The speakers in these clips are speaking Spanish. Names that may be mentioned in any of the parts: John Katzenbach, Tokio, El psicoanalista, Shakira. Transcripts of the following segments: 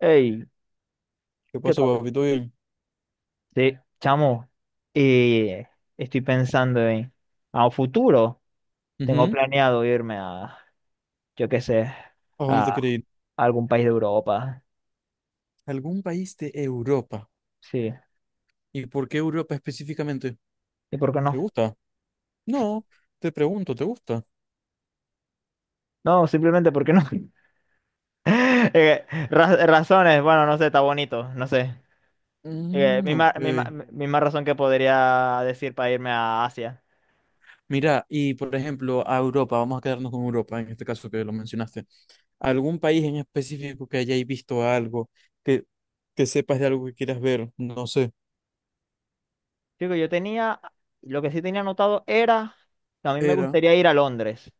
Hey, ¿Qué ¿qué pasó, tal? papi? ¿Todo bien? Sí, chamo, eh, estoy pensando en a un futuro. Tengo Ujú. planeado irme a, yo qué sé, ¿A dónde te a querés ir? algún país de Europa. ¿Algún país de Europa? Sí, ¿Y por qué Europa específicamente? ¿y por qué ¿Te no? gusta? No, te pregunto, ¿te gusta? No, simplemente porque no. Eh, Razones, bueno, no sé, está bonito, no sé. Eh, Mm, misma, misma- ok. misma razón que podría decir para irme a Asia. Mira, y por ejemplo, a Europa, vamos a quedarnos con Europa, en este caso que lo mencionaste. ¿Algún país en específico que hayáis visto algo, que, que sepas de algo que quieras ver? No sé. Digo, lo que sí tenía anotado era que a mí me Era. gustaría ir a Londres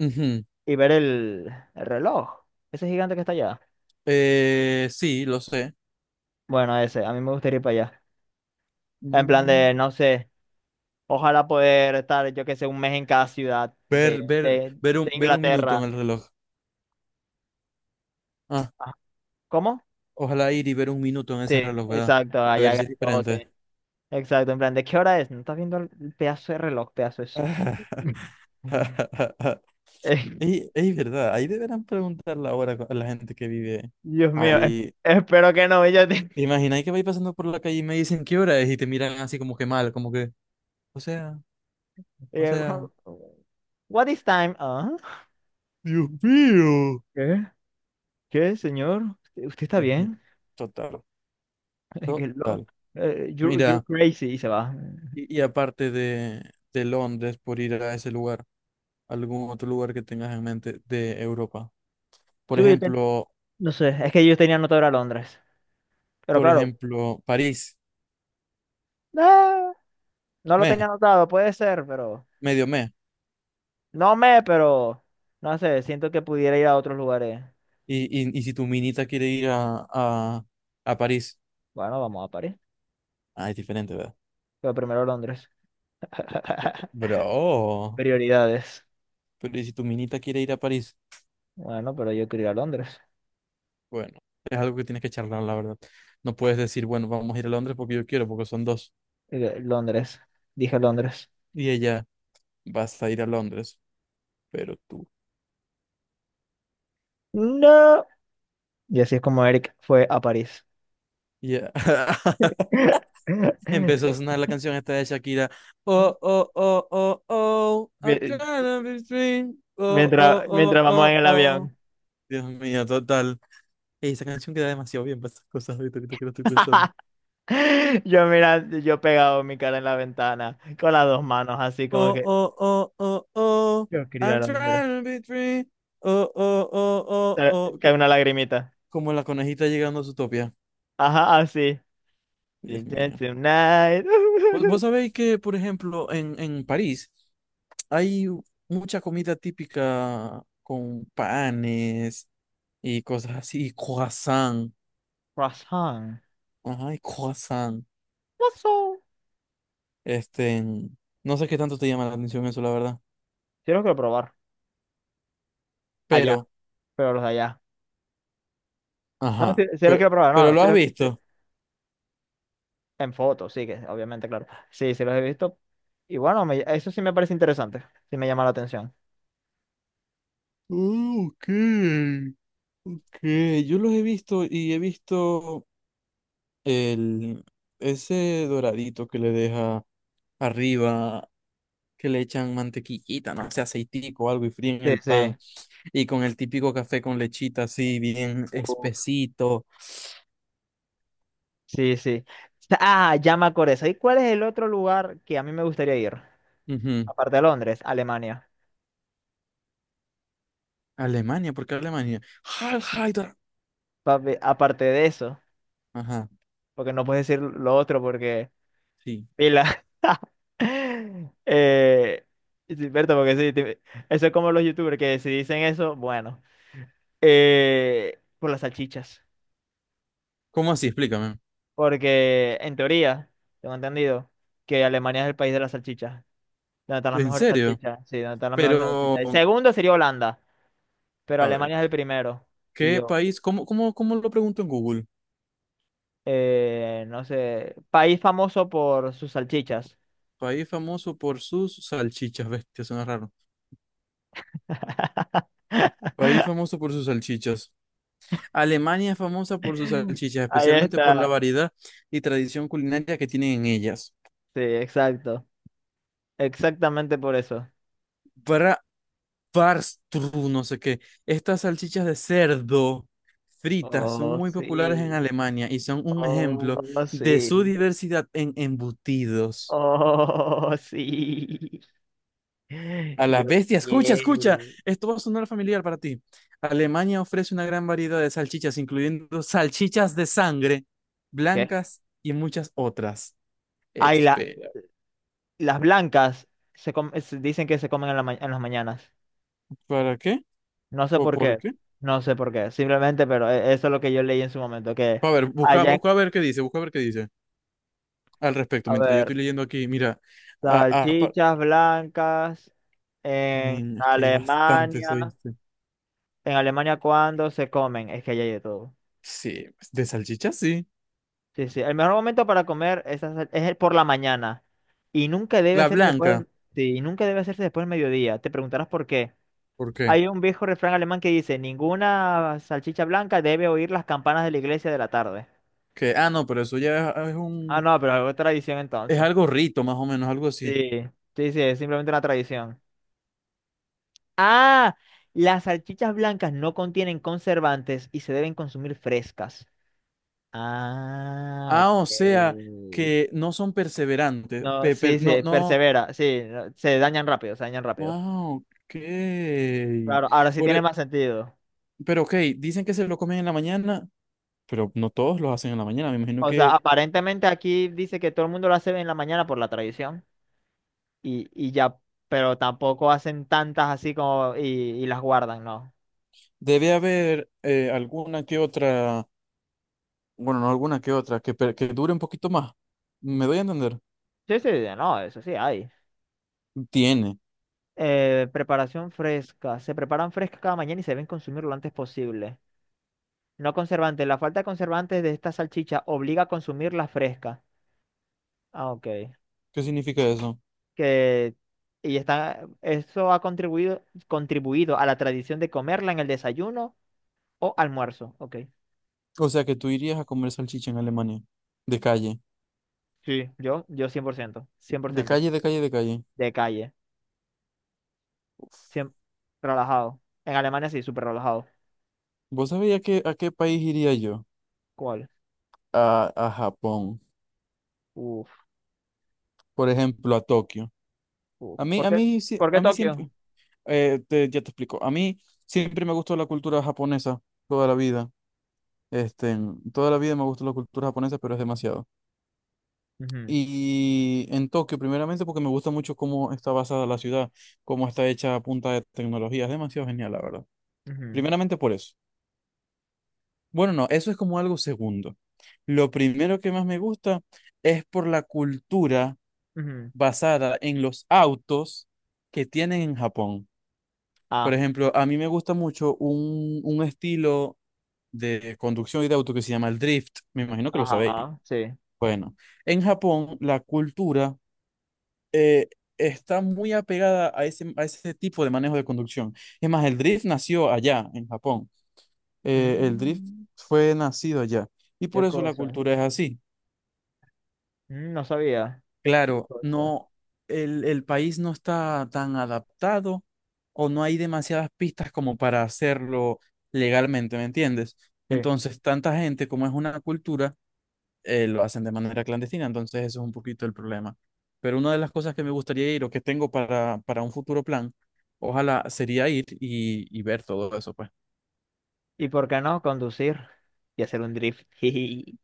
Ujú. y ver el reloj, ese gigante que está allá. Sí, lo sé. Bueno, ese, a mí me gustaría ir para allá. En plan Mm, de, no sé, ojalá poder estar, yo que sé, un mes en cada ciudad de, Ver, ver, de, ver un, de ver un minuto en Inglaterra. el reloj. Ajá. ¿Cómo? Ojalá ir y ver un minuto en ese Sí, reloj, ¿verdad? exacto, A allá ver si es diferente. grandote. Exacto, en plan, ¿de qué hora es? ¿No estás viendo el pedazo de reloj, pedazo de Eh, Y es verdad, ahí deberán preguntar la hora a la gente que vive Dios mío, ahí. espero que no. Imagina que vais pasando por la calle y me dicen qué hora es y te miran así como que mal, como que, o sea, o eh, sea, What is time? Ah, Dios mío, ¿qué? ¿Qué, señor? ¿Usted está Dios mío, bien? total, Que lo- total. you're Mira, crazy y se va. y aparte de Londres por ir a ese lugar, algún otro lugar que tengas en mente de Europa. Por Chico, ejemplo, no sé, es que yo tenía anotado a Londres. Pero por claro, ejemplo, París. ah, no lo tenía Me, anotado, puede ser, pero. medio me. No me, pero. No sé, siento que pudiera ir a otros lugares. Y si tu minita quiere ir a, a París. Bueno, vamos a París. Ah, es diferente, ¿verdad? Pero primero Londres. Bro, Prioridades. pero ¿y si tu minita quiere ir a París? Bueno, pero yo quiero ir a Londres. Bueno, es algo que tienes que charlar, la verdad. No puedes decir, bueno, vamos a ir a Londres porque yo quiero, porque son dos. Londres. Dije Londres. Y ella, vas a ir a Londres, pero tú. No. Y así es como Eric fue a París. Ya. Empezó a sonar la canción esta de Shakira. Oh, oh, oh, oh, oh, I'm trying Mie- to be free. Oh, oh, Mientras, oh, mientras vamos en oh, el oh. avión. Dios mío, total. Ey, esa canción queda demasiado bien para esas cosas ahorita, ahorita que lo estoy pensando. Mira, yo pegado mi cara en la ventana con las dos manos, así como Oh, que oh, oh, oh, oh. yo quería ir I'm al hombre. trying to be free. Oh, oh, oh, oh, oh. Cae una lagrimita. Como la conejita llegando a su topia. Ajá, así. Dios Bien, bien, mío. Tonight. Vos sabéis que, por ejemplo, en París hay mucha comida típica con panes y cosas así, y croissant. Croissant. Ajá, y croissant. Croissant. Este, no sé qué tanto te llama la atención eso, la verdad. Sí lo quiero probar. Allá, Pero, pero los de allá. No, sí, ajá. sí lo Pero, quiero probar. No, pero no, lo sí, has visto. en fotos, sí, que obviamente, claro. Sí, sí los he visto. Y bueno, eso sí me parece interesante. Sí me llama la atención. Oh, ok, ok. Yo los he visto y he visto el, ese doradito que le deja arriba, que le echan mantequillita, no sé, aceitico o algo y fríen Sí, el pan. sí. Y con el típico café con lechita así, bien Uf. espesito. Sí, sí. Ah, ya me acordé. ¿Y cuál es el otro lugar que a mí me gustaría ir? Ujú. Aparte de Londres, Alemania. Alemania, ¿por qué Alemania? Heil Hitler. Papi, aparte de eso, Ajá, porque no puedes decir lo otro porque sí. pila. eh, sí, Berta, porque sí, eso es como los youtubers que si dicen eso, bueno, por las salchichas. ¿Cómo así? Explícame. Porque en teoría, tengo entendido que Alemania es el país de las salchichas. Donde están las ¿En mejores serio? salchichas. Sí, donde están las mejores salchichas. El Pero, segundo sería Holanda, pero a ver, Alemania es el primero. Y ¿qué yo, país? ¿Cómo lo pregunto en Google? No sé, país famoso por sus salchichas. País famoso por sus salchichas, bestia, suena raro. País famoso por sus salchichas. Alemania es famosa por sus salchichas, Ahí especialmente por la está. variedad y tradición culinaria que tienen en ellas. Sí, exacto. Exactamente por eso. Para Barstru, no sé qué. Estas salchichas de cerdo fritas son Oh, muy populares en sí. Alemania y son un Oh, ejemplo de su sí. diversidad en embutidos. Oh, sí. A la Yo bestia, escucha, escucha. quiero. Esto va a sonar familiar para ti. Alemania ofrece una gran variedad de salchichas, incluyendo salchichas de sangre, ¿Qué? blancas y muchas otras. Ay, Espera, las blancas se dicen que se comen en las mañanas. ¿para qué? No sé ¿O por por qué. qué? No sé por qué. Simplemente, pero eso es lo que yo leí en su momento. Que A ver, busca, allá busca a ver qué dice, busca a ver qué dice al respecto. A Mientras yo ver. estoy leyendo aquí, mira, a- a- pa- Salchichas blancas en men, es que hay bastantes, Alemania. ¿oíste? ¿En Alemania cuándo se comen? Es que allá hay de todo. Sí, de salchichas, sí. Sí, sí. El mejor momento para comer esas el por la mañana. Y nunca debe La hacerse después blanca, del, sí, y nunca debe hacerse después del mediodía. Te preguntarás por qué. ¿por qué? Hay un viejo refrán alemán que dice, ninguna salchicha blanca debe oír las campanas de la iglesia de la tarde. Ah, no, pero eso ya es Ah, no, pero es tradición es entonces. algo rito, más o menos, algo así. Sí, sí, sí, es simplemente una tradición. Ah, las salchichas blancas no contienen conservantes y se deben consumir frescas. Ah, Ah, o ok. sea, que no son perseverantes. No, pe- sí, per- no, sí, no. persevera, sí, no, se dañan rápido, se dañan rápido. Ah, ok. Claro, ahora sí Por tiene e- más sentido. pero ok, dicen que se lo comen en la mañana, pero no todos lo hacen en la mañana. Me imagino O sea, que aparentemente aquí dice que todo el mundo lo hace en la mañana por la tradición y ya, pero tampoco hacen tantas así como y las guardan, ¿no? debe haber alguna que otra, bueno, no alguna que otra, que dure un poquito más. ¿Me doy a entender? Sí, sí, no, eso sí hay. Tiene. Preparación fresca. Se preparan frescas cada mañana y se deben consumir lo antes posible. No conservante. La falta de conservantes de esta salchicha obliga a consumirla fresca. Ah, ok. ¿Qué significa eso? Que, y está, eso ha contribuido a la tradición de comerla en el desayuno o almuerzo. Ok. O sea, que tú irías a comer salchicha en Alemania. De calle. Sí, yo cien por ciento cien por De ciento calle, de calle, de calle. de calle. Siem- Relajado. En Alemania sí, súper relajado. ¿Vos sabías que, a qué país iría yo? ¿Cuál? A Japón. Uf, Por ejemplo, a Tokio. uf. ¿Por qué, Sí- por qué a mí Tokio? siempre, te- ya te explico, a mí siempre me gustó la cultura japonesa toda la vida. Este, Toda la vida me gustó la cultura japonesa, pero es demasiado. Ujú, Y en Tokio, primeramente, porque me gusta mucho cómo está basada la ciudad, cómo está hecha a punta de tecnología. Es demasiado genial, la verdad. ujú, Primeramente por eso. Bueno, no, eso es como algo segundo. Lo primero que más me gusta es por la cultura ujú. basada en los autos que tienen en Japón. Por Ah, ejemplo, a mí me gusta mucho un estilo de conducción y de auto que se llama el drift. Me imagino que lo sabéis. ajá, sí. Bueno, en Japón la cultura eh, está muy apegada a ese tipo de manejo de conducción. Es más, el drift nació allá, en Japón. El drift Mm, fue nacido allá. Y por qué eso la cosa. cultura es así. No sabía. Qué Claro, cosa. no, el país no está tan adaptado o no hay demasiadas pistas como para hacerlo legalmente, ¿me entiendes? Sí. Entonces, tanta gente como es una cultura, lo hacen de manera clandestina, entonces eso es un poquito el problema. Pero una de las cosas que me gustaría ir o que tengo para un futuro plan, ojalá sería ir y ver todo eso, pues. ¿Y por qué no conducir y hacer un drift? Jiji.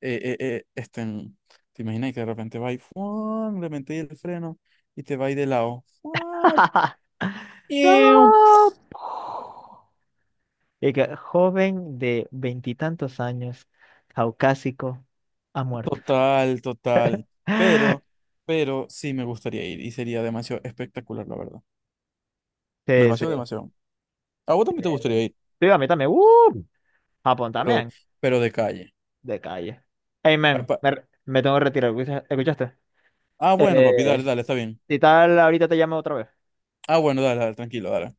Eh, eh, eh, este, mm, ¿te imaginas que de repente va y ¡fuan! Le metí el freno y te va y de lado? ¡Fuan! ¡No! Y que joven de veintitantos años, caucásico, ha muerto. Total, total. Pero, pero sí me gustaría ir y sería demasiado espectacular, la verdad. Sí, sí. Demasiado, demasiado. A vos Sí. también te gustaría ir, Sí, a mí también. ¡Uh! Japón pero, también. pero de calle. De calle. Hey, Ah, man, me tengo que retirar. Escuchaste? ah, bueno, papi, Eh, dale, dale, está bien. si tal, ahorita te llamo otra vez. Ah, bueno, dale, dale, tranquilo, dale.